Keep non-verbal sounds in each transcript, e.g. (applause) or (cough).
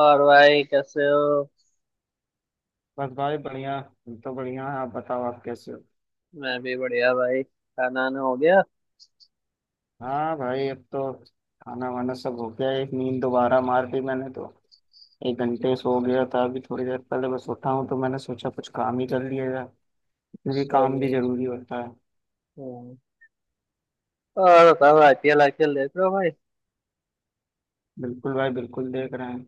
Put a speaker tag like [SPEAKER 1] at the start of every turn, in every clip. [SPEAKER 1] और भाई कैसे हो।
[SPEAKER 2] बस भाई बढ़िया। हम तो बढ़िया है, आप बताओ आप कैसे हो।
[SPEAKER 1] मैं भी बढ़िया भाई, खाना वाना हो गया।
[SPEAKER 2] हाँ भाई, अब तो खाना वाना सब हो गया। एक नींद दोबारा मार दी मैंने तो। एक घंटे सो गया था, अभी थोड़ी देर पहले बस उठा हूँ, तो मैंने सोचा कुछ काम ही कर लिया जाए, क्योंकि काम
[SPEAKER 1] सही
[SPEAKER 2] भी
[SPEAKER 1] है।
[SPEAKER 2] जरूरी होता है।
[SPEAKER 1] हम्म। और बताओ, आईपीएल आईपीएल देख रहे हो भाई?
[SPEAKER 2] बिल्कुल भाई, बिल्कुल देख रहे हैं।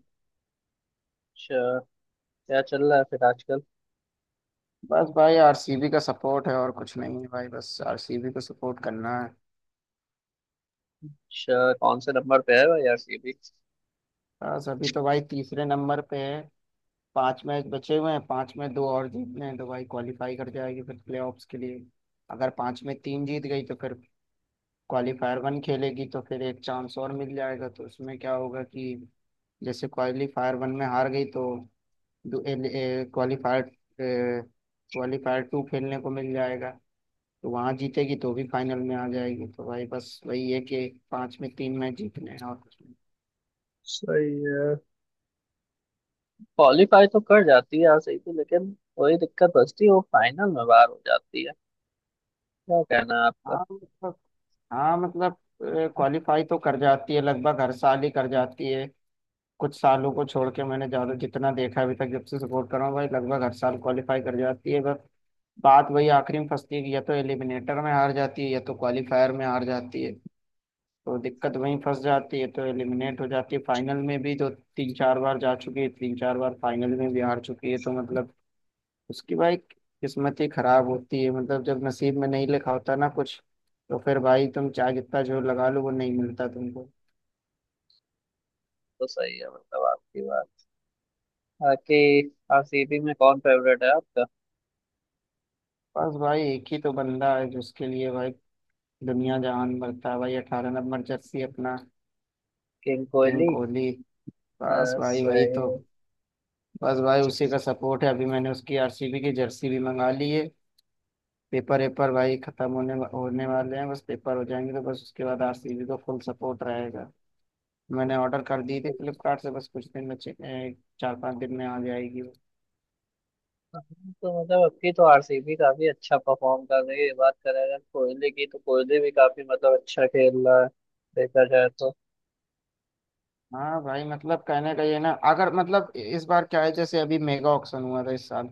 [SPEAKER 1] अच्छा, क्या चल रहा है फिर आजकल?
[SPEAKER 2] बस भाई, आरसीबी का सपोर्ट है और कुछ नहीं है भाई, बस आरसीबी को सपोर्ट करना है।
[SPEAKER 1] अच्छा, कौन से नंबर पे है भाई आरसीबी?
[SPEAKER 2] बस अभी तो भाई तीसरे नंबर पे है। पांच मैच बचे हुए हैं, पांच में दो और जीतने हैं तो भाई क्वालिफाई कर जाएगी फिर प्लेऑफ्स के लिए। अगर पांच में तीन जीत गई तो फिर क्वालिफायर वन खेलेगी, तो फिर एक चांस और मिल जाएगा। तो उसमें क्या होगा कि जैसे क्वालिफायर वन में हार गई, तो क्वालिफायर क्वालिफायर टू खेलने को मिल जाएगा। तो वहां जीतेगी तो भी फाइनल में आ जाएगी। तो भाई बस वही है कि पांच में तीन मैच जीतने हैं और कुछ नहीं।
[SPEAKER 1] सही है। क्वालीफाई तो कर जाती है आरसीबी, लेकिन वही दिक्कत बचती है, वो फाइनल में बाहर हो जाती है। क्या कहना है आपका?
[SPEAKER 2] हाँ मतलब, हाँ मतलब, क्वालिफाई तो कर जाती है, लगभग हर साल ही कर जाती है। कुछ सालों को छोड़ के मैंने ज्यादा जितना देखा अभी तक, जब से सपोर्ट कर रहा हूँ भाई, लगभग हर साल क्वालिफाई कर जाती है। बस बात वही आखिरी में फंसती है कि या तो एलिमिनेटर में हार जाती है या तो क्वालिफायर में हार जाती है। तो दिक्कत वहीं फंस जाती है, तो एलिमिनेट हो जाती है। फाइनल में भी तो तीन चार बार जा चुकी है, तीन चार बार फाइनल में भी हार चुकी है। तो मतलब उसकी भाई किस्मत ही खराब होती है, मतलब जब नसीब में नहीं लिखा होता ना कुछ, तो फिर भाई तुम चाहे जितना जोर लगा लो वो नहीं मिलता तुमको।
[SPEAKER 1] तो सही है मतलब आपकी बात। बाकी आरसीबी में कौन फेवरेट है आपका?
[SPEAKER 2] बस भाई एक ही तो बंदा है जिसके लिए भाई दुनिया जहान बरता भाई, अठारह नंबर जर्सी अपना
[SPEAKER 1] किंग
[SPEAKER 2] किंग
[SPEAKER 1] कोहली।
[SPEAKER 2] कोहली। बस भाई वही तो।
[SPEAKER 1] सही
[SPEAKER 2] बस भाई उसी का सपोर्ट है। अभी मैंने उसकी आरसीबी की जर्सी भी मंगा ली है। पेपर वेपर भाई खत्म होने होने वाले हैं, बस पेपर हो जाएंगे तो बस उसके बाद आरसीबी का फुल सपोर्ट रहेगा। मैंने ऑर्डर कर दी थी
[SPEAKER 1] है।
[SPEAKER 2] फ्लिपकार्ट से, बस कुछ दिन में चार पांच दिन में आ जाएगी।
[SPEAKER 1] तो मतलब अब की तो आरसीबी काफी अच्छा परफॉर्म कर रही है। बात करें अगर कोहली की, तो कोहली भी काफी मतलब अच्छा खेल रहा है, देखा जाए तो।
[SPEAKER 2] हाँ भाई मतलब, कहने का ये ना अगर मतलब इस बार क्या है, जैसे अभी मेगा ऑक्शन हुआ था इस साल।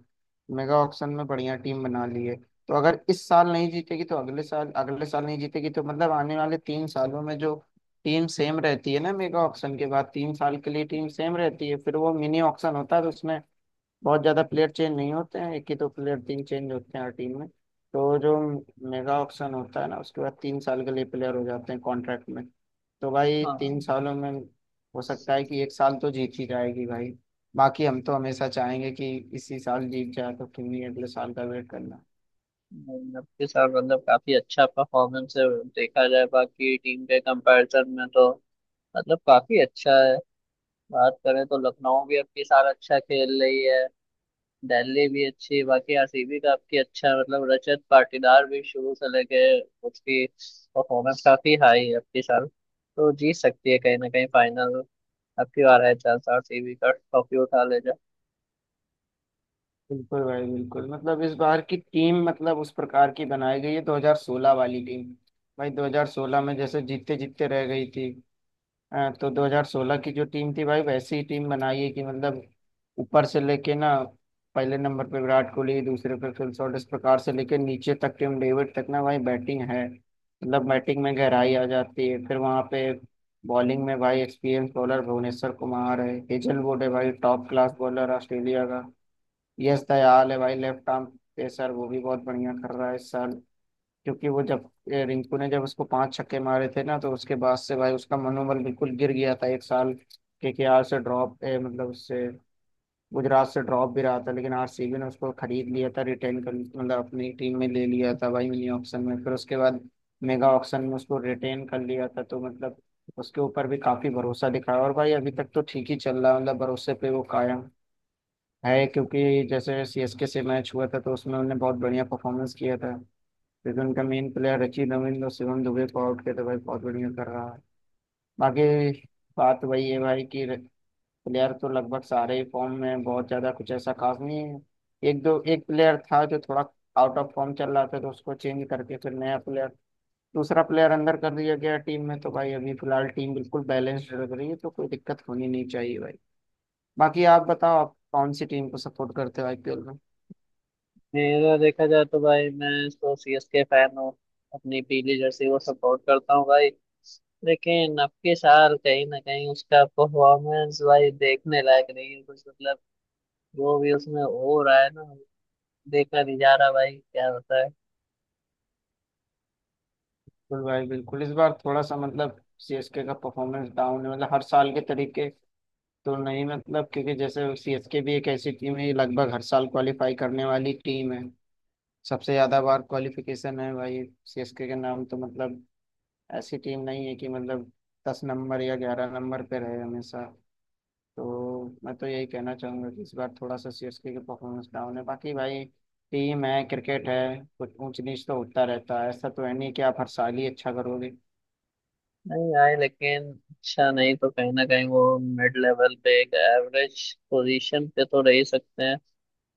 [SPEAKER 2] मेगा ऑक्शन में बढ़िया टीम बना ली है। तो अगर इस साल नहीं जीतेगी तो अगले साल, अगले साल नहीं जीतेगी तो मतलब आने वाले तीन सालों में जो टीम सेम रहती है ना मेगा ऑक्शन के बाद, तीन साल के लिए टीम सेम रहती है, फिर वो मिनी ऑक्शन होता है। तो उसमें बहुत ज्यादा प्लेयर चेंज नहीं होते हैं, एक ही दो प्लेयर तीन चेंज होते हैं हर टीम में। तो जो मेगा ऑक्शन होता है ना, उसके बाद तीन साल के लिए प्लेयर हो जाते हैं कॉन्ट्रैक्ट में। तो भाई तीन
[SPEAKER 1] हाँ,
[SPEAKER 2] सालों में हो सकता है कि एक साल तो जीत ही जाएगी भाई। बाकी हम तो हमेशा चाहेंगे कि इसी साल जीत जाए, तो क्यों नहीं, अगले साल का वेट करना।
[SPEAKER 1] अब के साथ मतलब काफी अच्छा परफॉर्मेंस है। देखा जाए बाकी टीम के कंपैरिजन में, तो मतलब काफी अच्छा है। बात करें तो लखनऊ भी अब की साल अच्छा खेल रही है, दिल्ली भी अच्छी है, बाकी आरसीबी का आपकी अच्छा, मतलब रजत पाटीदार भी शुरू से लेके उसकी परफॉर्मेंस काफी हाई है। अपनी साल तो जीत सकती है कहीं ना कहीं फाइनल। आपकी बार है चांस, आरसीबी का ट्रॉफी उठा ले जाए।
[SPEAKER 2] बिल्कुल भाई, बिल्कुल मतलब इस बार की टीम मतलब उस प्रकार की बनाई गई है, 2016 वाली टीम भाई। 2016 में जैसे जीतते जीतते रह गई थी। हाँ, तो 2016 की जो टीम थी भाई वैसी ही टीम बनाई है कि मतलब ऊपर से लेके ना, पहले नंबर पे विराट कोहली, दूसरे पे फिल शॉट, इस प्रकार से लेके नीचे तक टिम डेविड तक ना भाई बैटिंग है, मतलब बैटिंग में गहराई आ जाती है। फिर वहाँ पे बॉलिंग में भाई एक्सपीरियंस बॉलर भुवनेश्वर कुमार है, हेजलवुड है भाई, टॉप क्लास बॉलर ऑस्ट्रेलिया का। यश दयाल है भाई लेफ्ट आर्म पेसर, वो भी बहुत बढ़िया कर रहा है इस साल। क्योंकि वो जब रिंकू ने जब उसको पांच छक्के मारे थे ना, तो उसके बाद से भाई उसका मनोबल बिल्कुल गिर गया था। एक साल केकेआर से ड्रॉप मतलब उससे गुजरात से ड्रॉप भी रहा था, लेकिन आरसीबी ने उसको खरीद लिया था, रिटेन कर मतलब अपनी टीम में ले लिया था भाई मिनी ऑक्शन में। फिर उसके बाद मेगा ऑक्शन में उसको रिटेन कर लिया था। तो मतलब उसके ऊपर भी काफी भरोसा दिखाया, और भाई अभी तक तो ठीक ही चल रहा है, मतलब भरोसे पे वो कायम है। क्योंकि जैसे सीएसके से मैच हुआ था तो उसमें उन्होंने बहुत बढ़िया परफॉर्मेंस किया था, क्योंकि उनका मेन प्लेयर रचिन रविंद्र और शिवम दुबे को आउट किया, तो भाई बहुत बढ़िया कर रहा है। बाकी बात वही है भाई कि प्लेयर तो लगभग सारे ही फॉर्म में हैं, बहुत ज्यादा कुछ ऐसा खास नहीं है। एक दो एक प्लेयर था जो थोड़ा आउट ऑफ फॉर्म चल रहा था, तो उसको चेंज करके फिर नया प्लेयर, दूसरा प्लेयर अंदर कर दिया गया टीम में। तो भाई अभी फिलहाल टीम बिल्कुल बैलेंस्ड लग रही है, तो कोई दिक्कत होनी नहीं चाहिए भाई। बाकी आप बताओ आप कौन सी टीम को सपोर्ट करते हो आईपीएल में।
[SPEAKER 1] मेरा देखा जाए तो भाई, मैं तो सीएसके फैन हूँ। अपनी पीली जर्सी को सपोर्ट करता हूँ भाई। लेकिन अब के साल कहीं ना कहीं उसका परफॉर्मेंस भाई देखने लायक नहीं है कुछ, मतलब जो भी उसमें हो रहा है ना, देखा नहीं जा रहा भाई क्या होता है।
[SPEAKER 2] बिल्कुल भाई बिल्कुल, इस बार थोड़ा सा मतलब सीएसके का परफॉर्मेंस डाउन है, मतलब हर साल के तरीके तो नहीं मतलब, क्योंकि जैसे सीएसके भी एक ऐसी टीम है ये लगभग हर साल क्वालिफाई करने वाली टीम है। सबसे ज्यादा बार क्वालिफिकेशन है भाई सीएसके के नाम, तो मतलब ऐसी टीम नहीं है कि मतलब दस नंबर या ग्यारह नंबर पे रहे हमेशा। तो मैं तो यही कहना चाहूंगा कि इस बार थोड़ा सा सीएसके की परफॉर्मेंस डाउन है। बाकी भाई टीम है, क्रिकेट है, कुछ ऊंच नीच तो होता रहता है, ऐसा तो है नहीं कि आप हर साल ही अच्छा करोगे
[SPEAKER 1] नहीं आए, लेकिन अच्छा नहीं तो कहीं ना कहीं वो मिड लेवल पे एक एवरेज पोजीशन पे तो रह ही सकते हैं।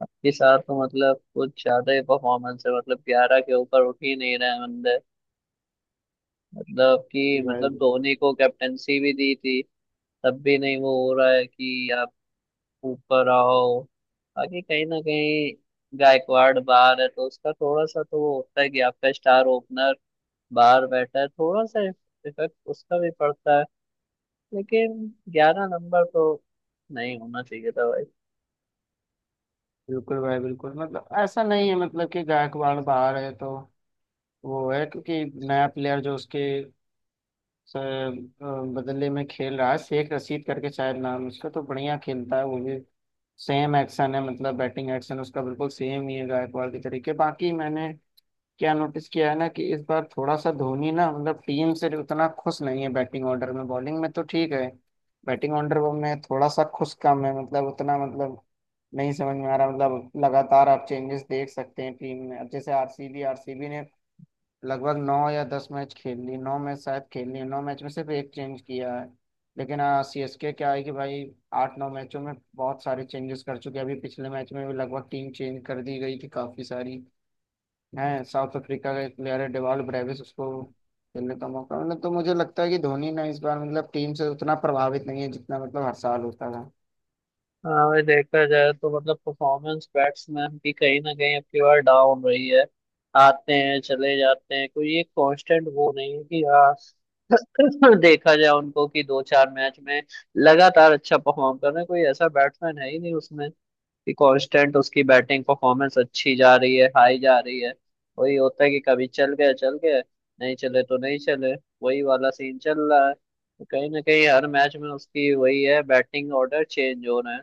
[SPEAKER 1] आपके साथ तो मतलब कुछ ज्यादा ही परफॉर्मेंस है, मतलब 11 के ऊपर उठ ही नहीं रहे हैं बंदे। मतलब कि मतलब
[SPEAKER 2] भाई।
[SPEAKER 1] धोनी को कैप्टेंसी भी दी थी, तब भी नहीं वो हो रहा है कि आप ऊपर आओ। बाकी कहीं ना कहीं गायकवाड़ बाहर है तो उसका थोड़ा सा तो वो होता है कि आपका स्टार ओपनर बाहर बैठा है, थोड़ा सा इफेक्ट उसका भी पड़ता है। लेकिन 11 नंबर तो नहीं होना चाहिए था भाई।
[SPEAKER 2] बिल्कुल भाई बिल्कुल, मतलब ऐसा नहीं है मतलब कि गायकवाड़ बाहर है तो वो है, क्योंकि नया प्लेयर जो उसके स- अ, बदले में खेल रहा है शेख रशीद करके शायद नाम है उसका, तो बढ़िया खेलता है वो भी, सेम एक्शन है, मतलब बैटिंग एक्शन उसका बिल्कुल सेम ही है गायकवाड़ के तरीके। बाकी मैंने क्या नोटिस किया है ना कि इस बार थोड़ा सा धोनी ना मतलब टीम से उतना खुश नहीं है बैटिंग ऑर्डर में, बॉलिंग में तो ठीक है, बैटिंग ऑर्डर में थोड़ा सा खुश कम है, मतलब उतना मतलब नहीं समझ में आ रहा, मतलब लगातार आप चेंजेस देख सकते हैं टीम में। अब जैसे आरसीबी, आरसीबी ने लगभग नौ या दस मैच खेल ली, नौ मैच शायद खेल ली, नौ मैच में सिर्फ एक चेंज किया है। लेकिन सी एस के क्या है कि भाई आठ नौ मैचों में बहुत सारे चेंजेस कर चुके हैं, अभी पिछले मैच में भी लगभग टीम चेंज कर दी गई थी काफी सारी हैं। साउथ अफ्रीका का एक प्लेयर है डेवाल्ड ब्रेविस, उसको खेलने का मौका मतलब, तो मुझे लगता है कि धोनी ना इस बार मतलब टीम से उतना प्रभावित नहीं है जितना मतलब हर साल होता था।
[SPEAKER 1] हाँ भाई, देखा जाए तो मतलब परफॉर्मेंस बैट्समैन की कहीं ना कहीं अब की बार डाउन रही है। आते हैं चले जाते हैं, कोई एक कांस्टेंट वो नहीं है कि हाँ (laughs) देखा जाए उनको कि दो चार मैच में लगातार अच्छा परफॉर्म कर रहे हैं, कोई ऐसा बैट्समैन है ही नहीं उसमें कि कांस्टेंट उसकी बैटिंग परफॉर्मेंस अच्छी जा रही है, हाई जा रही है। वही होता है कि कभी चल गए चल गए, नहीं चले तो नहीं चले। वही वाला सीन चल रहा है, तो कहीं ना कहीं हर मैच में उसकी वही है, बैटिंग ऑर्डर चेंज हो रहे हैं।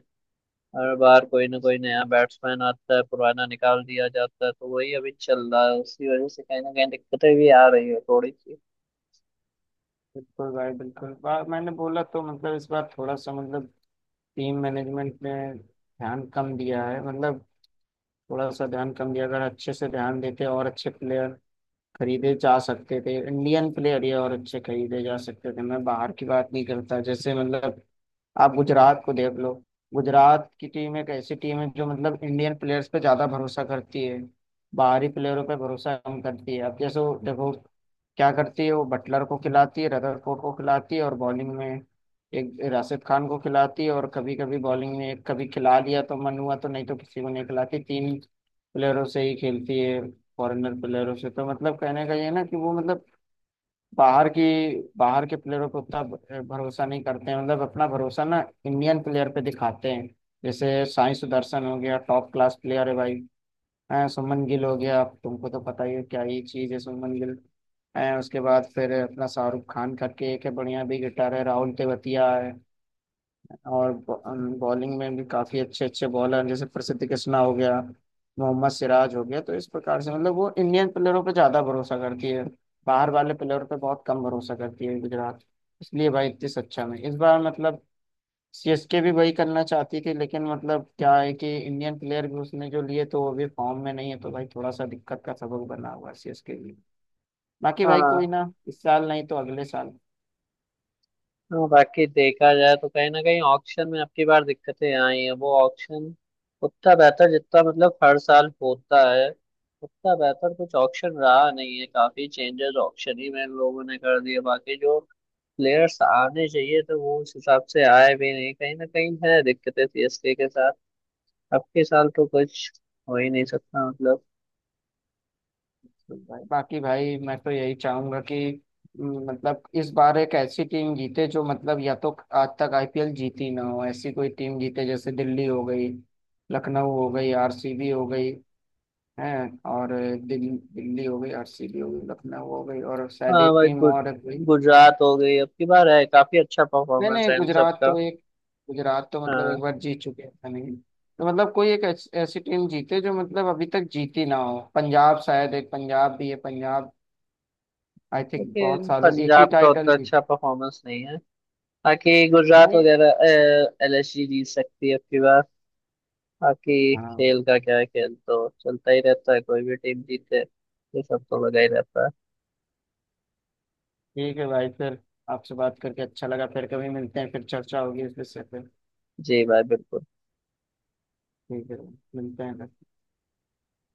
[SPEAKER 1] हर बार कोई ना कोई नया बैट्समैन आता है, पुराना निकाल दिया जाता है। तो वही अभी चल रहा है, उसकी वजह से कहीं ना कहीं दिक्कतें भी आ रही है थोड़ी सी।
[SPEAKER 2] बिल्कुल भाई बिल्कुल, मैंने बोला तो मतलब इस बार थोड़ा सा मतलब टीम मैनेजमेंट में ध्यान कम दिया है, मतलब थोड़ा सा ध्यान कम दिया, अगर अच्छे से ध्यान देते और अच्छे प्लेयर खरीदे जा सकते थे, इंडियन प्लेयर ये और अच्छे खरीदे जा सकते थे, मैं बाहर की बात नहीं करता। जैसे मतलब आप गुजरात को देख लो, गुजरात की टीम एक ऐसी टीम है जो मतलब इंडियन प्लेयर्स पे ज्यादा भरोसा करती है, बाहरी प्लेयरों पे भरोसा कम करती है। अब जैसे वो देखो क्या करती है, वो बटलर को खिलाती है, रदरफोर्ड को खिलाती है, और बॉलिंग में एक राशिद खान को खिलाती है, और कभी कभी बॉलिंग में एक कभी खिला लिया तो मन हुआ, तो नहीं तो किसी को नहीं खिलाती, तीन प्लेयरों से ही खेलती है फॉरेनर प्लेयरों से। तो मतलब कहने का ये है ना कि वो मतलब बाहर की, बाहर के प्लेयरों पे उतना भरोसा नहीं करते हैं, मतलब अपना भरोसा ना इंडियन प्लेयर पे दिखाते हैं। जैसे साई सुदर्शन हो गया, टॉप क्लास प्लेयर है भाई। हाँ, सुमन गिल हो गया, आप तुमको तो पता ही है क्या ही चीज़ है सुमन गिल। है उसके बाद फिर अपना शाहरुख खान करके एक है बढ़िया, भी गिटार है, राहुल तेवतिया है, और बॉलिंग में भी काफ़ी अच्छे अच्छे बॉलर हैं, जैसे प्रसिद्ध कृष्णा हो गया, मोहम्मद सिराज हो गया। तो इस प्रकार से मतलब वो इंडियन प्लेयरों पे ज़्यादा भरोसा करती है, बाहर वाले प्लेयर पे बहुत कम भरोसा करती है गुजरात। इसलिए भाई इतनी सच्चा में, इस बार मतलब सीएसके भी वही करना चाहती थी, लेकिन मतलब क्या है कि इंडियन प्लेयर भी उसने जो लिए तो वो भी फॉर्म में नहीं है, तो भाई थोड़ा सा दिक्कत का सबब बना हुआ है सीएसके लिए। बाकी भाई कोई
[SPEAKER 1] हाँ।
[SPEAKER 2] ना, इस साल नहीं तो अगले साल।
[SPEAKER 1] हाँ, बाकी देखा जाए तो कहीं ना कहीं ऑक्शन में आपकी बार दिक्कतें आई हैं। वो ऑक्शन उतना बेहतर जितना मतलब हर साल होता है उतना बेहतर कुछ ऑक्शन रहा नहीं है। काफी चेंजेस ऑक्शन ही में लोगों ने कर दिए, बाकी जो प्लेयर्स आने चाहिए तो वो उस हिसाब से आए भी नहीं। कहीं ना कहीं है दिक्कतें सीएसके के साथ, अब के साल तो कुछ हो ही नहीं सकता मतलब।
[SPEAKER 2] तो भाई बाकी भाई मैं तो यही चाहूंगा कि मतलब इस बार एक ऐसी टीम जीते जो मतलब या तो आज तक आईपीएल जीती ना हो, ऐसी कोई टीम जीते, जैसे दिल्ली हो गई, लखनऊ हो गई, आरसीबी हो गई है, और दिल्ली, दिल्ली हो गई, आरसीबी हो गई, लखनऊ हो गई, और शायद
[SPEAKER 1] हाँ
[SPEAKER 2] एक
[SPEAKER 1] भाई,
[SPEAKER 2] टीम और है कोई।
[SPEAKER 1] गुजरात हो गई अब की बार, है काफी अच्छा
[SPEAKER 2] नहीं
[SPEAKER 1] परफॉर्मेंस
[SPEAKER 2] नहीं,
[SPEAKER 1] है इन
[SPEAKER 2] गुजरात
[SPEAKER 1] सबका।
[SPEAKER 2] तो एक, गुजरात तो मतलब एक बार जीत चुके हैं, ऐसा नहीं। तो मतलब कोई एक ऐसी टीम जीते जो मतलब अभी तक जीती ना हो। पंजाब शायद, एक पंजाब भी है, पंजाब आई थिंक बहुत
[SPEAKER 1] लेकिन
[SPEAKER 2] सालों एक ही
[SPEAKER 1] पंजाब का
[SPEAKER 2] टाइटल
[SPEAKER 1] उतना
[SPEAKER 2] जीत,
[SPEAKER 1] अच्छा परफॉर्मेंस नहीं है, बाकी गुजरात
[SPEAKER 2] नहीं।
[SPEAKER 1] वगैरह एलएसजी जीत सकती है अब की बार। बाकी
[SPEAKER 2] हाँ
[SPEAKER 1] खेल का क्या है, खेल तो चलता ही रहता है, कोई भी टीम जीते ये सब तो लगा ही रहता है।
[SPEAKER 2] ठीक है भाई फिर, आपसे बात करके अच्छा लगा, फिर कभी मिलते हैं, फिर चर्चा होगी इस विषय पे।
[SPEAKER 1] जी भाई बिल्कुल।
[SPEAKER 2] ठीक है, मिलते हैं।